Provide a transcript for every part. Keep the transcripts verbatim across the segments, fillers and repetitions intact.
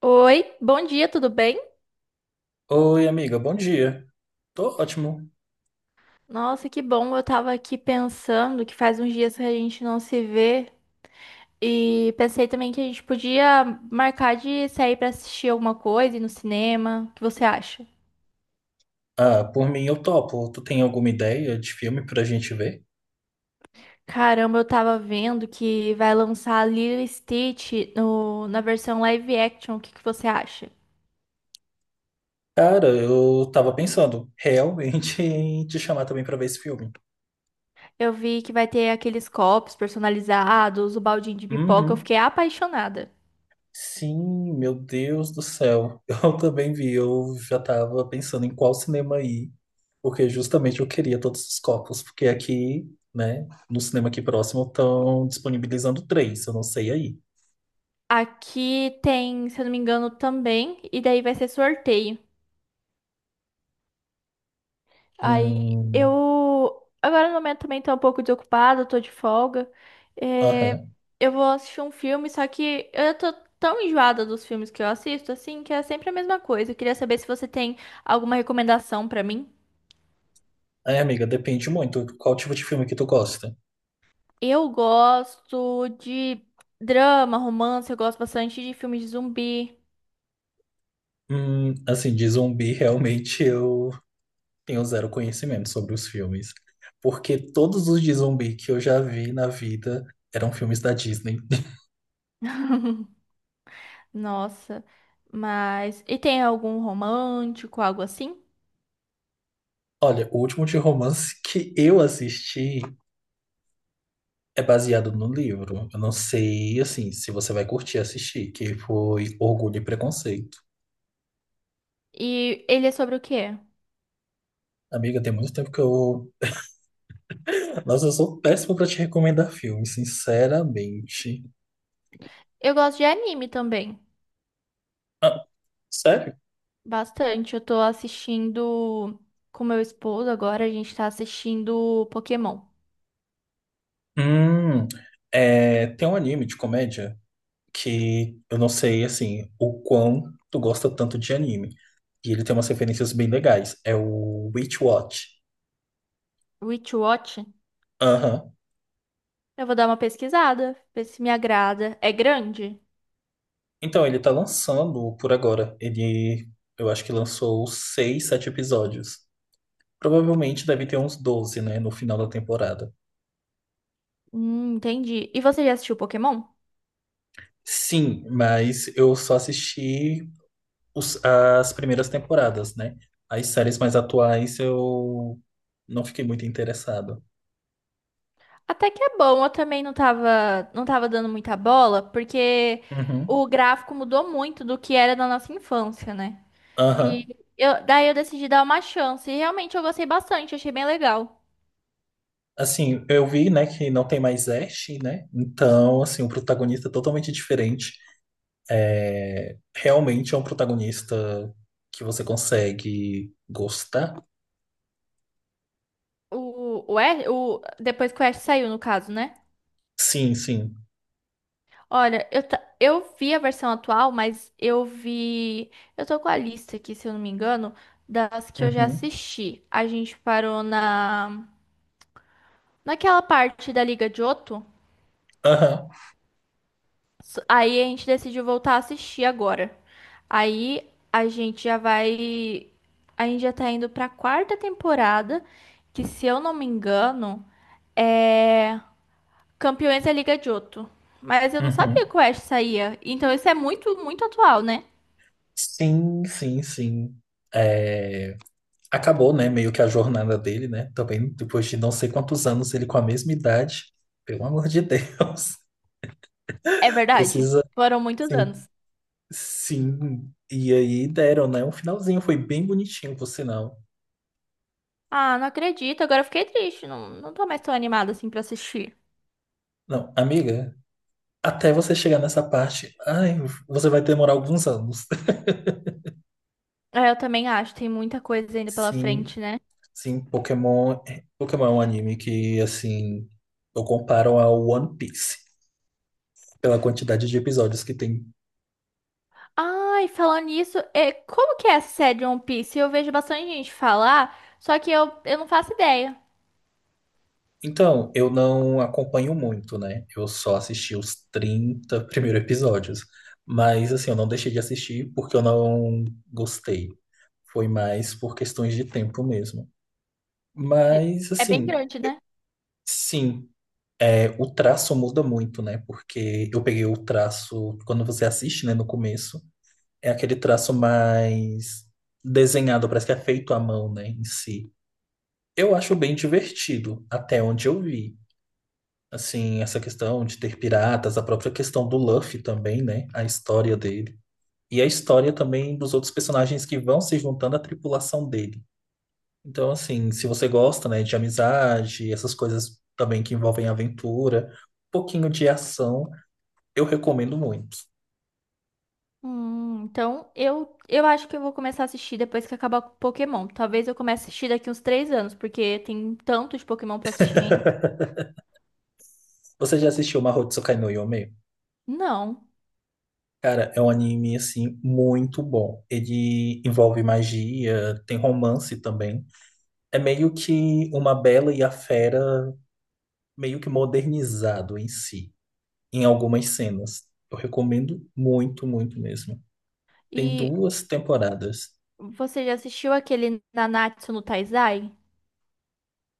Oi, bom dia, tudo bem? Oi, amiga, bom dia. Tô ótimo. Nossa, que bom. Eu tava aqui pensando que faz uns dias que a gente não se vê e pensei também que a gente podia marcar de sair pra assistir alguma coisa, ir no cinema. O que você acha? Ah, por mim eu topo. Tu tem alguma ideia de filme pra gente ver? Caramba, eu tava vendo que vai lançar Lilo e Stitch no, na versão live action. O que que você acha? Cara, eu tava pensando realmente em te chamar também pra ver esse filme. Eu vi que vai ter aqueles copos personalizados, o baldinho de pipoca. Eu Uhum. fiquei apaixonada. Sim, meu Deus do céu. Eu também vi, eu já tava pensando em qual cinema ir, porque justamente eu queria todos os copos, porque aqui, né, no cinema aqui próximo estão disponibilizando três, eu não sei aí. Aqui tem, se eu não me engano, também, e daí vai ser sorteio. Aí Hum, eu. Agora no momento também tô um pouco desocupada, tô de folga. É, aham. eu vou assistir um filme, só que eu tô tão enjoada dos filmes que eu assisto, assim, que é sempre a mesma coisa. Eu queria saber se você tem alguma recomendação pra mim. É, amiga, depende muito. Qual tipo de filme que tu gosta? Eu gosto de drama, romance, eu gosto bastante de filmes de zumbi. Hum, assim, de zumbi, realmente eu tenho zero conhecimento sobre os filmes. Porque todos os de zumbi que eu já vi na vida eram filmes da Disney. Nossa, mas. E tem algum romântico, algo assim? Olha, o último de romance que eu assisti é baseado no livro. Eu não sei, assim, se você vai curtir assistir, que foi Orgulho e Preconceito. E ele é sobre o quê? Amiga, tem muito tempo que eu. Nossa, eu sou péssimo pra te recomendar filme, sinceramente. Eu gosto de anime também. Ah, sério? Bastante. Eu tô assistindo com meu esposo agora, a gente tá assistindo Pokémon. Hum, é, tem um anime de comédia que eu não sei, assim, o quão tu gosta tanto de anime. E ele tem umas referências bem legais. É o Witch Watch. Witch Watch. Aham. Eu vou dar uma pesquisada, ver se me agrada. É grande? Então, ele tá lançando por agora. Ele, eu acho que lançou seis, sete episódios. Provavelmente deve ter uns doze né, no final da temporada. Hum, entendi. E você já assistiu Pokémon? Sim, mas eu só assisti os- as primeiras temporadas, né? As séries mais atuais eu não fiquei muito interessado. Até que é bom, eu também não tava, não tava dando muita bola, porque Uhum. o gráfico mudou muito do que era na nossa infância, né? E Aham. eu, daí eu decidi dar uma chance, e realmente eu gostei bastante, achei bem legal. Assim, eu vi, né, que não tem mais Ash, né? Então, assim, o protagonista é totalmente diferente. É, realmente é um protagonista que você consegue gostar. O, o, Ash- o, depois que o Ash saiu, no caso, né? Sim, sim. Olha, eu, ta- eu vi a versão atual, mas eu vi. Eu tô com a lista aqui, se eu não me engano, das que eu já Uhum. assisti. A gente parou na naquela parte da Liga de Johto. Aham. S- Aí a gente decidiu voltar a assistir agora. Aí a gente já vai. A gente já tá indo pra quarta temporada, que se eu não me engano, é. Campeões da Liga de Johto. Mas eu não sabia Uhum. que o Ash saía. Então isso é muito, muito atual, né? Sim, sim, sim. É, acabou, né, meio que a jornada dele, né? Também depois de não sei quantos anos ele com a mesma idade. Pelo amor de Deus. É verdade. Precisa, Foram muitos sim, anos. Sim, e aí deram, né? Um finalzinho, foi bem bonitinho, por sinal. Ah, não acredito. Agora eu fiquei triste. Não, não tô mais tão animada assim pra assistir. Não, amiga, até você chegar nessa parte, ai, você vai demorar alguns anos. É, eu também acho. Tem muita coisa ainda pela Sim, frente, né? sim, Pokémon, é- Pokémon é um anime que, assim, eu comparo ao One Piece pela quantidade de episódios que tem. Ai, falando nisso, é, como que é essa série de One Piece? Eu vejo bastante gente falar, só que eu, eu não faço ideia. Então, eu não acompanho muito, né? Eu só assisti os trinta primeiros episódios. Mas, assim, eu não deixei de assistir porque eu não gostei. Foi mais por questões de tempo mesmo. De- Mas, É bem assim, grande, né? sim, é, o traço muda muito, né? Porque eu peguei o traço, quando você assiste, né, no começo, é aquele traço mais desenhado, parece que é feito à mão, né, em si. Eu acho bem divertido, até onde eu vi. Assim, essa questão de ter piratas, a própria questão do Luffy também, né? A história dele. E a história também dos outros personagens que vão se juntando à tripulação dele. Então, assim, se você gosta, né, de amizade, essas coisas também que envolvem aventura, um pouquinho de ação, eu recomendo muito. Hum, então eu, eu acho que eu vou começar a assistir depois que acabar o Pokémon. Talvez eu comece a assistir daqui uns três anos, porque tem tanto de Pokémon pra assistir ainda. Você já assistiu Mahoutsukai no Yome? Não. Cara, é um anime, assim, muito bom. Ele envolve magia, tem romance também. É meio que uma Bela e a Fera, meio que modernizado em si, em algumas cenas. Eu recomendo muito, muito mesmo. Tem E duas temporadas. você já assistiu aquele Nanatsu no Taizai?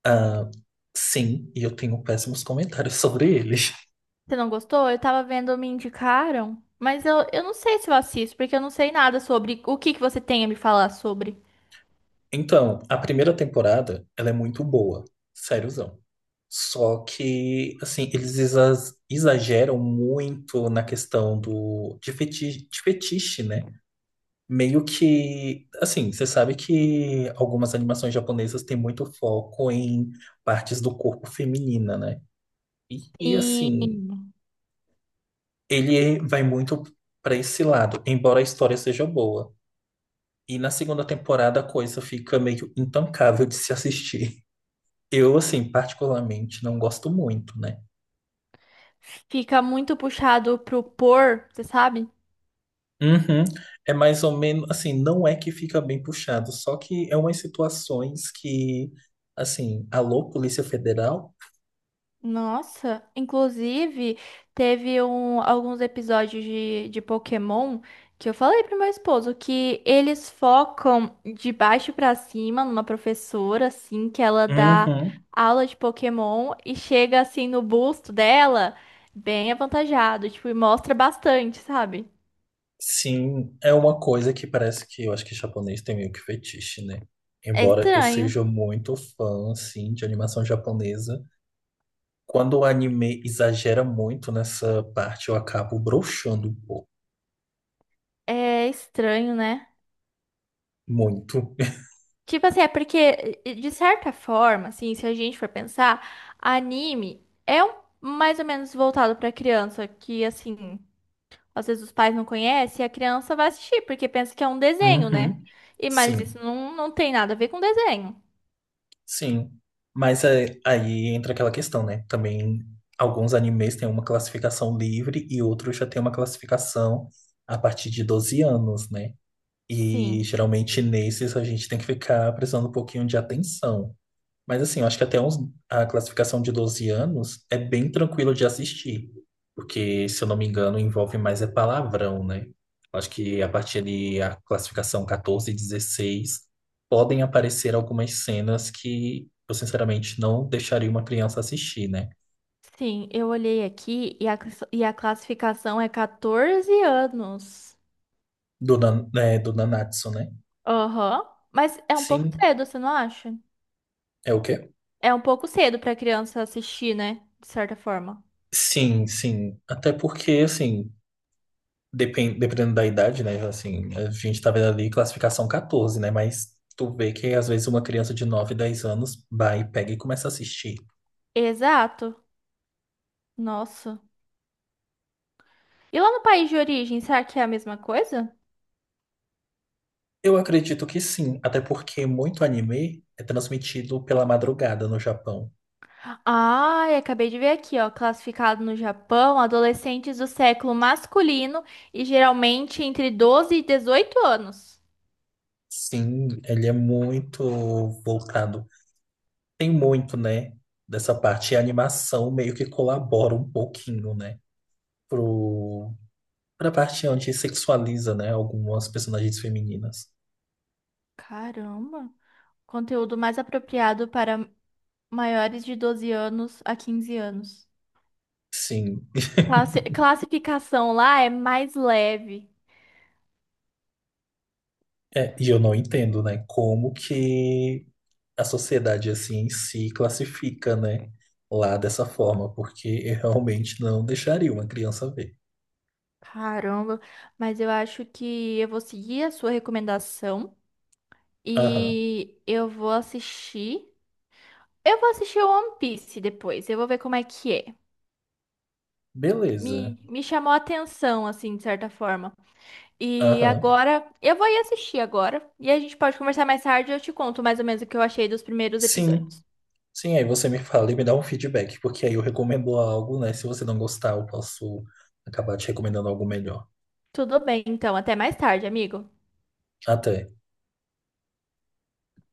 Ah, sim, e eu tenho péssimos comentários sobre ele. Você não gostou? Eu tava vendo, me indicaram. Mas eu, eu não sei se eu assisto, porque eu não sei nada sobre o que que você tem a me falar sobre. Então, a primeira temporada, ela é muito boa, sériozão. Só que, assim, eles exa- exageram muito na questão do de fetiche, de fetiche, né? Meio que, assim, você sabe que algumas animações japonesas têm muito foco em partes do corpo feminina, né? E, e, assim, E ele vai muito para esse lado, embora a história seja boa. E na segunda temporada a coisa fica meio intancável de se assistir. Eu, assim, particularmente não gosto muito, né? fica muito puxado pro por, você sabe? Uhum. É mais ou menos, assim, não é que fica bem puxado, só que é umas situações que, assim, alô, Polícia Federal? Nossa, inclusive teve um, alguns episódios de, de Pokémon que eu falei pro meu esposo que eles focam de baixo pra cima numa professora, assim, que ela dá Uhum. aula de Pokémon e chega assim no busto dela, bem avantajado, tipo, e mostra bastante, sabe? Sim, é uma coisa que parece que eu acho que japonês tem meio que fetiche, né? É Embora eu estranho, seja muito fã, assim, de animação japonesa, quando o anime exagera muito nessa parte, eu acabo broxando um pouco. é estranho, né? Muito. Tipo assim, é porque, de certa forma, assim, se a gente for pensar, anime é um- mais ou menos voltado pra criança, que, assim, às vezes os pais não conhecem e a criança vai assistir, porque pensa que é um desenho, né? Uhum. E, mas isso Sim, não, não tem nada a ver com desenho. sim. Mas é, aí entra aquela questão, né? Também alguns animes têm uma classificação livre e outros já têm uma classificação a partir de doze anos, né? E Sim, geralmente nesses a gente tem que ficar prestando um pouquinho de atenção. Mas assim, eu acho que até uns, a classificação de doze anos é bem tranquilo de assistir. Porque, se eu não me engano, envolve mais é palavrão, né? Eu acho que a partir de a classificação catorze e dezesseis podem aparecer algumas cenas que eu, sinceramente, não deixaria uma criança assistir, né? sim, eu olhei aqui e a, class- e a classificação é catorze anos. Do, nan, né, do Nanatsu, né? Aham. Mas é um pouco Sim, cedo, você não acha? é o quê? É um pouco cedo pra criança assistir, né? De certa forma. Sim, sim. Até porque, assim, depen- dependendo da idade, né? Assim, a gente tá vendo ali classificação quatorze, né? Mas tu vê que às vezes uma criança de nove dez anos vai, pega e começa a assistir. Exato. Nossa. E lá no país de origem, será que é a mesma coisa? Eu acredito que sim, até porque muito anime é transmitido pela madrugada no Japão. Ai, acabei de ver aqui, ó. Classificado no Japão, adolescentes do século masculino e geralmente entre doze e dezoito anos. Sim, ele é muito voltado. Tem muito, né, dessa parte. E a animação meio que colabora um pouquinho, né, pro, pra parte onde sexualiza, né, algumas personagens femininas. Caramba. Conteúdo mais apropriado para maiores de doze anos a quinze anos. Sim, Classi- classificação lá é mais leve. É, e eu não entendo, né? Como que a sociedade assim em si classifica, né? Lá dessa forma, porque eu realmente não deixaria uma criança ver. Caramba. Mas eu acho que eu vou seguir a sua recomendação Aham, e eu vou assistir. Eu vou assistir o One Piece depois, eu vou ver como é que é. beleza. Me, me chamou a atenção, assim, de certa forma. E Aham, agora, eu vou ir assistir agora, e a gente pode conversar mais tarde e eu te conto mais ou menos o que eu achei dos primeiros sim. episódios. Sim, aí você me fala e me dá um feedback, porque aí eu recomendo algo, né? Se você não gostar, eu posso acabar te recomendando algo melhor. Tudo bem, então, até mais tarde, amigo. Até.